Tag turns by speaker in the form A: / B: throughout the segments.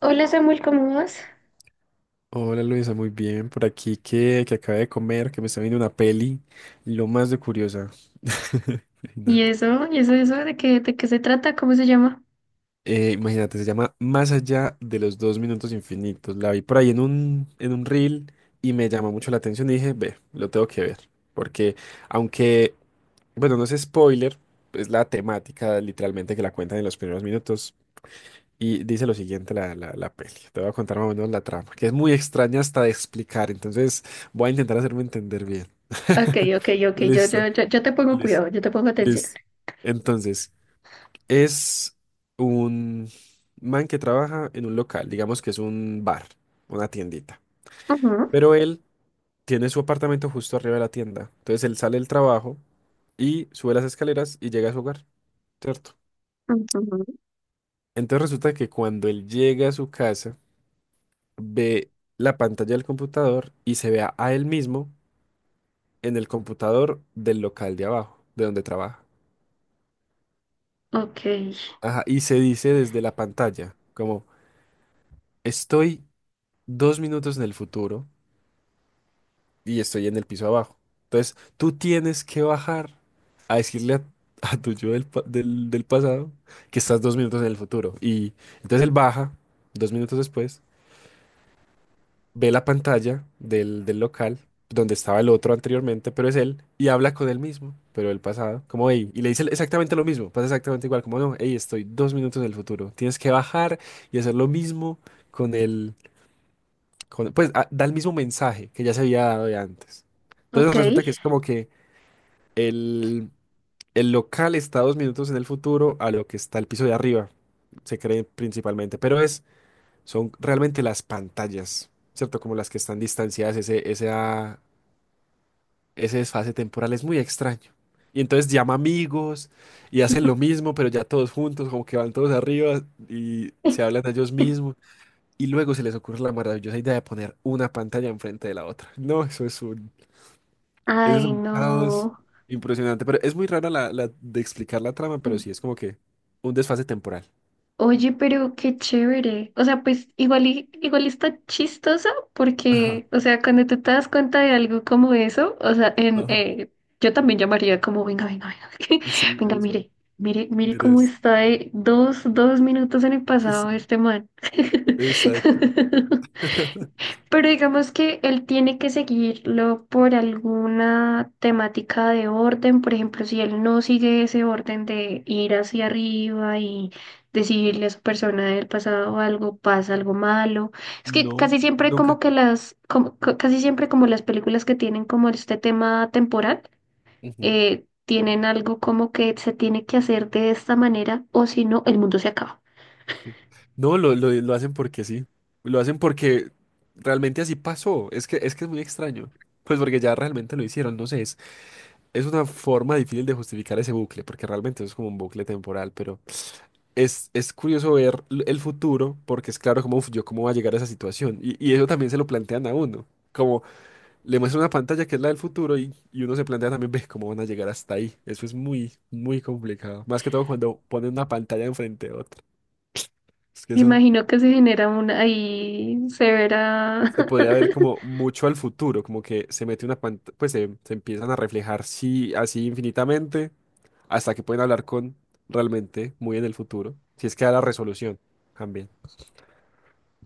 A: Hola Samuel, ¿cómo vas?
B: Hola Luisa, muy bien. Por aquí que acabé de comer, que me está viendo una peli, lo más de curiosa.
A: ¿Y
B: Imagínate.
A: eso? ¿Y eso de qué se trata? ¿Cómo se llama?
B: Imagínate, se llama Más allá de los dos minutos infinitos. La vi por ahí en un reel y me llamó mucho la atención y dije, ve, lo tengo que ver. Porque aunque, bueno, no es spoiler, es la temática literalmente que la cuentan en los primeros minutos. Y dice lo siguiente la peli. Te voy a contar más o menos la trama, que es muy extraña hasta de explicar. Entonces voy a intentar hacerme entender bien.
A: Ok, ok, ok, yo,
B: Listo,
A: yo, yo, yo te pongo
B: listo,
A: cuidado, yo te pongo atención.
B: listo. Entonces, es un man que trabaja en un local, digamos que es un bar, una tiendita.
A: Ujú,
B: Pero él tiene su apartamento justo arriba de la tienda. Entonces él sale del trabajo y sube las escaleras y llega a su hogar, ¿cierto?
A: ujú,
B: Entonces resulta que cuando él llega a su casa, ve la pantalla del computador y se vea a él mismo en el computador del local de abajo, de donde trabaja.
A: ok,
B: Ajá, y se dice desde la pantalla, como estoy dos minutos en el futuro y estoy en el piso abajo. Entonces, tú tienes que bajar a decirle a, a tu yo del, pa- del del pasado que estás dos minutos en el futuro. Y entonces él baja dos minutos después. Ve la pantalla del local donde estaba el otro anteriormente, pero es él, y habla con él mismo, pero el pasado, como hey, y le dice exactamente lo mismo, pasa exactamente igual, como no, hey, estoy dos minutos en el futuro, tienes que bajar y hacer lo mismo con el, con, pues da el mismo mensaje que ya se había dado de antes. Entonces
A: ok.
B: resulta que es como que el, el local está dos minutos en el futuro a lo que está el piso de arriba, se cree principalmente, pero es son realmente las pantallas, ¿cierto? Como las que están distanciadas, ese desfase temporal es muy extraño. Y entonces llama amigos y hacen lo mismo, pero ya todos juntos, como que van todos arriba y se hablan a ellos mismos. Y luego se les ocurre la maravillosa idea de poner una pantalla enfrente de la otra. No, eso es un, eso es
A: Ay,
B: un caos
A: no.
B: impresionante. Pero es muy rara la de explicar la trama, pero sí es como que un desfase temporal.
A: Oye, pero qué chévere. O sea, pues igual, igual está chistosa
B: Ajá,
A: porque, o sea, cuando tú te das cuenta de algo como eso, o sea,
B: ajá.
A: yo también llamaría como, venga, venga, venga,
B: Sí,
A: venga,
B: eso.
A: mire, mire, mire
B: Mira,
A: cómo está de dos minutos en el pasado
B: sí,
A: este man.
B: exacto.
A: Pero digamos que él tiene que seguirlo por alguna temática de orden, por ejemplo, si él no sigue ese orden de ir hacia arriba y decirle a su persona del pasado algo, pasa algo malo. Es que
B: No,
A: casi siempre como
B: nunca.
A: que casi siempre como las películas que tienen como este tema temporal,
B: Ujú,
A: tienen algo como que se tiene que hacer de esta manera o si no, el mundo se acaba.
B: sí. No, lo hacen porque sí. Lo hacen porque realmente así pasó. Es que es muy extraño. Pues porque ya realmente lo hicieron, no sé, es una forma difícil de justificar ese bucle, porque realmente es como un bucle temporal, pero es curioso ver el futuro, porque es claro como, "Uf, yo cómo va a llegar a esa situación", y eso también se lo plantean a uno, como le muestra una pantalla que es la del futuro y uno se plantea también, ve cómo van a llegar hasta ahí. Eso es muy, muy complicado. Más que todo cuando ponen una pantalla enfrente de otra. Es que
A: Me
B: eso
A: imagino que se genera una ahí severa.
B: se podría ver como mucho al futuro, como que se mete una pantalla, pues se empiezan a reflejar sí, así infinitamente hasta que pueden hablar con realmente muy en el futuro. Si es que da la resolución también.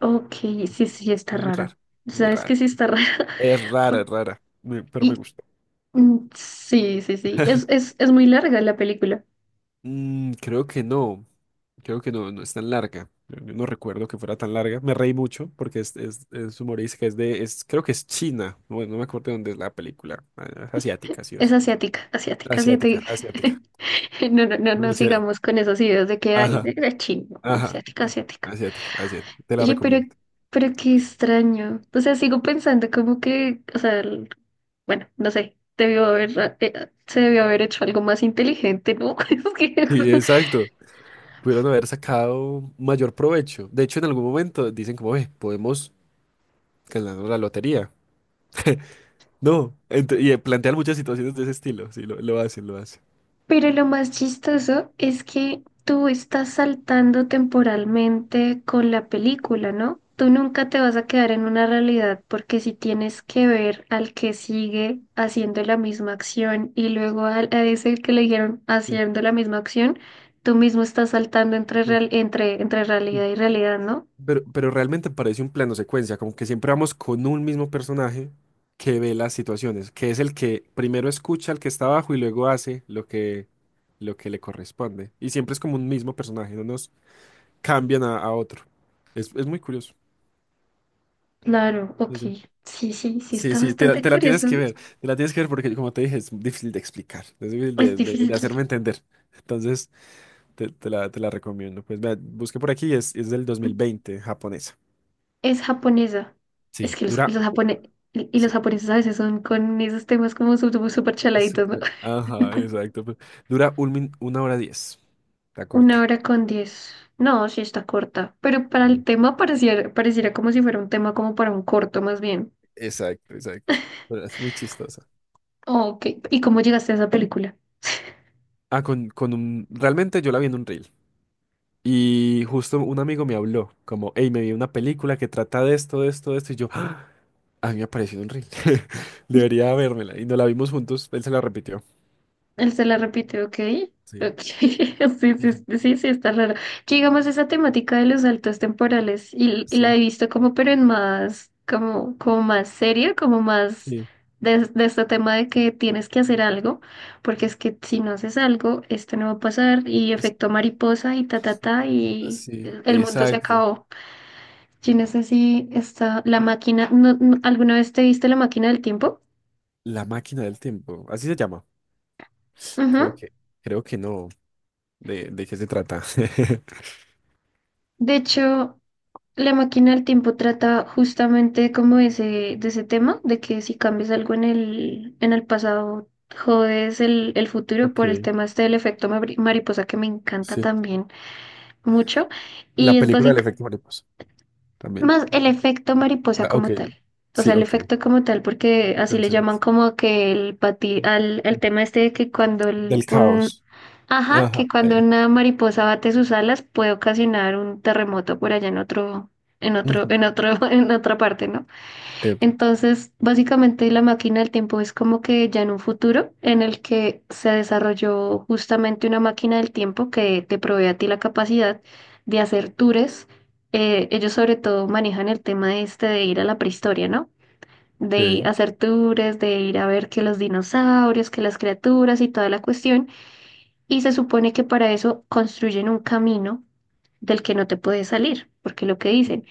A: Ok, sí, sí,
B: Es
A: está
B: muy raro,
A: rara.
B: es muy
A: Sabes que
B: raro.
A: sí está rara. por-
B: Es rara, pero me
A: Y
B: gusta.
A: sí, sí, sí. Es muy larga la película.
B: Mm, creo que no. Creo que no, no es tan larga. Yo no recuerdo que fuera tan larga. Me reí mucho porque es humorística, es creo que es China. Bueno, no me acuerdo de dónde es la película. Es asiática, sí o
A: Es
B: sí.
A: asiática, asiática,
B: Asiática,
A: asiática.
B: asiática.
A: No, no, no, no
B: Muy chévere.
A: sigamos con esos ideas de que hay
B: Ajá,
A: de chingo,
B: ajá.
A: asiática, asiática.
B: Asiática, asiática. Te la
A: Oye,
B: recomiendo.
A: pero qué extraño. O sea, sigo pensando como que, o sea, bueno, no sé, se debió haber hecho algo más inteligente, ¿no? Es que
B: Sí, exacto. Pudieron haber sacado mayor provecho. De hecho, en algún momento dicen como, "Ve, podemos ganar la lotería". No, y plantean muchas situaciones de ese estilo. Sí, lo hacen, lo hacen.
A: pero lo más chistoso es que tú estás saltando temporalmente con la película, ¿no? Tú nunca te vas a quedar en una realidad porque si tienes que ver al que sigue haciendo la misma acción y luego a ese que le dijeron
B: Sí,
A: haciendo la misma acción, tú mismo estás saltando entre,
B: sí.
A: real- entre, entre
B: Sí.
A: realidad y realidad, ¿no?
B: Pero realmente parece un plano secuencia, como que siempre vamos con un mismo personaje que ve las situaciones, que es el que primero escucha al que está abajo y luego hace lo que le corresponde. Y siempre es como un mismo personaje, no nos cambian a otro. Es muy curioso.
A: Claro, ok.
B: Sí, sí,
A: Sí, sí, sí,
B: sí,
A: está
B: sí,
A: bastante
B: te la tienes
A: curioso.
B: que ver, te la tienes que ver porque, como te dije, es difícil de explicar, es difícil
A: Es
B: de
A: difícil.
B: hacerme entender. Entonces, te la recomiendo. Pues vea, busqué por aquí, es del 2020, japonesa.
A: Es japonesa.
B: Sí.
A: Es que los,
B: Dura,
A: y los
B: sí.
A: japoneses a veces son con esos temas como súper súper
B: Es
A: chaladitos, ¿no?
B: súper. Ajá, exacto. Dura una hora diez. Está
A: Una
B: corta.
A: hora con 10. No, sí está corta. Pero para el
B: Sí.
A: tema pareciera, pareciera como si fuera un tema como para un corto más bien.
B: Exacto, exacto. Pero es muy chistosa.
A: Ok, ¿y cómo llegaste a esa película?
B: Realmente yo la vi en un reel. Y justo un amigo me habló, como, hey, me vi una película que trata de esto, de esto, de esto. Y yo, "Ah, a mí me apareció en un reel". Debería vérmela. Y nos la vimos juntos. Él se la repitió.
A: Él se la repite, ok.
B: Sí.
A: Ok, sí, sí,
B: Ujú.
A: sí, sí, sí, está raro. Que digamos esa temática de los saltos temporales y la
B: Sí,
A: he visto como, pero en más, como, como más seria, como más
B: sí.
A: de este tema de que tienes que hacer algo, porque es que si no haces algo, esto no va a pasar y
B: Es,
A: efecto mariposa y ta, ta, ta, y
B: sí,
A: el mundo se
B: exacto.
A: acabó. Yo no sé si está la máquina, ¿alguna vez te viste la máquina del tiempo?
B: La máquina del tiempo. Así se llama. Creo
A: Ujú.
B: que, creo que no. ¿De qué se trata?
A: De hecho, la máquina del tiempo trata justamente como de ese tema, de que si cambias algo en el pasado, jodes el futuro
B: Ok,
A: por el tema este del efecto mariposa que me encanta
B: sí.
A: también mucho.
B: La
A: Y es
B: película del efecto mariposa. También.
A: más el efecto mariposa
B: Ah, ok,
A: como tal. O
B: sí,
A: sea, el
B: ok.
A: efecto como tal, porque
B: El
A: así le
B: concepto.
A: llaman como que el pati, el tema este de que cuando
B: Del caos.
A: ajá, que
B: Ajá.
A: cuando una mariposa bate sus alas puede ocasionar un terremoto por allá en otro, en otro,
B: Ujú,
A: en otro, en otra parte, ¿no?
B: epa,
A: Entonces, básicamente la máquina del tiempo es como que ya en un futuro en el que se desarrolló justamente una máquina del tiempo que te provee a ti la capacidad de hacer tours. Ellos sobre todo manejan el tema este de ir a la prehistoria, ¿no? De
B: ok.
A: hacer tours, de ir a ver que los dinosaurios, que las criaturas y toda la cuestión. Y se supone que para eso construyen un camino del que no te puedes salir, porque lo que dicen,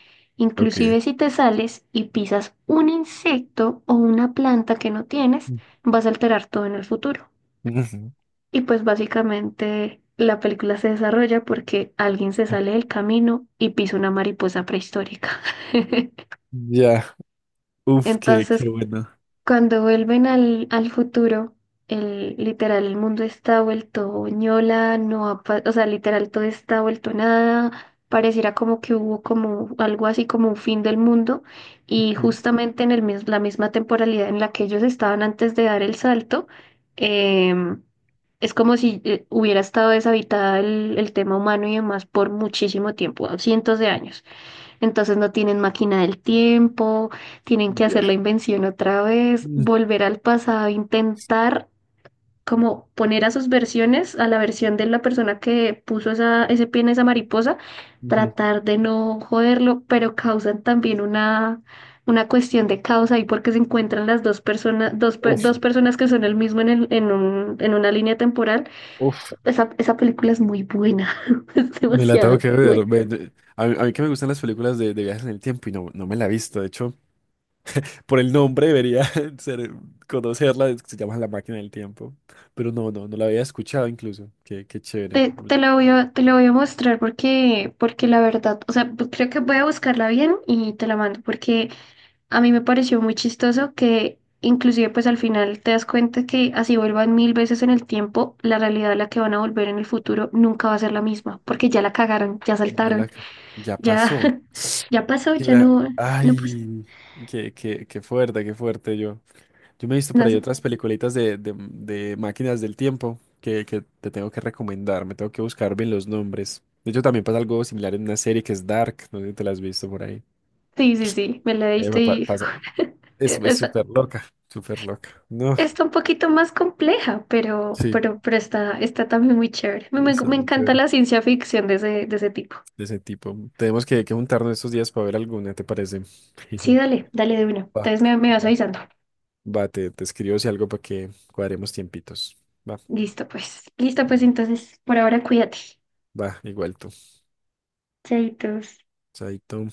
B: Ok.
A: inclusive si te sales y pisas un insecto o una planta que no tienes, vas a alterar todo en el futuro.
B: Ujú.
A: Y pues básicamente la película se desarrolla porque alguien se sale del camino y pisa una mariposa prehistórica.
B: Ya. Uf, qué,
A: Entonces,
B: qué bueno.
A: cuando vuelven al futuro, el, literal, el mundo está vuelto ñola, no ha pa- o sea, literal, todo está vuelto nada, pareciera como que hubo como algo así como un fin del mundo, y
B: Ok.
A: justamente en el, la misma temporalidad en la que ellos estaban antes de dar el salto, em, es como si hubiera estado deshabitada el tema humano y demás por muchísimo tiempo, cientos de años. Entonces no tienen máquina del tiempo, tienen que
B: Ya.
A: hacer la invención otra vez,
B: Mm,
A: volver al pasado, intentar como poner a sus versiones, a la versión de la persona que puso esa, ese pie en esa mariposa,
B: Ujú.
A: tratar de no joderlo, pero causan también una cuestión de causa ahí porque se encuentran las dos personas,
B: Uf,
A: dos personas que son el mismo en, el- en, un- en una línea temporal.
B: uf.
A: Esa película es muy buena, es
B: Me la tengo
A: demasiado
B: que ver.
A: buena.
B: A mí que me gustan las películas de viajes en el tiempo y no me la he visto. De hecho, por el nombre debería ser, conocerla, es que se llama La Máquina del Tiempo. Pero no la había escuchado incluso. Qué chévere. Bueno,
A: Te la voy a mostrar porque, porque la verdad, o sea, pues, creo que voy a buscarla bien y te la mando porque a mí me pareció muy chistoso que inclusive pues al final te das cuenta que así vuelvan 1.000 veces en el tiempo, la realidad a la que van a volver en el futuro nunca va a ser la misma porque ya la cagaron, ya
B: Ya la,
A: saltaron,
B: ya
A: ya,
B: pasó.
A: ya pasó, ya no, no pasa.
B: Ay, qué fuerte, qué fuerte yo. Yo me he visto por
A: No
B: ahí
A: sé.
B: otras peliculitas de máquinas del tiempo que te tengo que recomendar. Me tengo que buscar bien los nombres. De hecho, también pasa algo similar en una serie que es Dark. No sé si te la has visto por ahí.
A: Sí, sí, sí, me la diste y
B: Pasa. Es
A: es
B: súper loca, súper loca. No,
A: está un poquito más compleja,
B: sí.
A: pero está, está también muy chévere.
B: Está
A: Me
B: muy
A: encanta
B: chévere.
A: la ciencia ficción de ese tipo.
B: De ese tipo. Tenemos que juntarnos estos días para ver alguna, ¿te parece?
A: Sí, dale, dale de una.
B: Va,
A: Entonces me vas
B: va.
A: avisando.
B: Va, te escribo si algo para que cuadremos tiempitos. Va,
A: Listo, pues. Listo, pues
B: no,
A: entonces, por ahora cuídate.
B: va, igual tú.
A: Chaitos.
B: Chaito.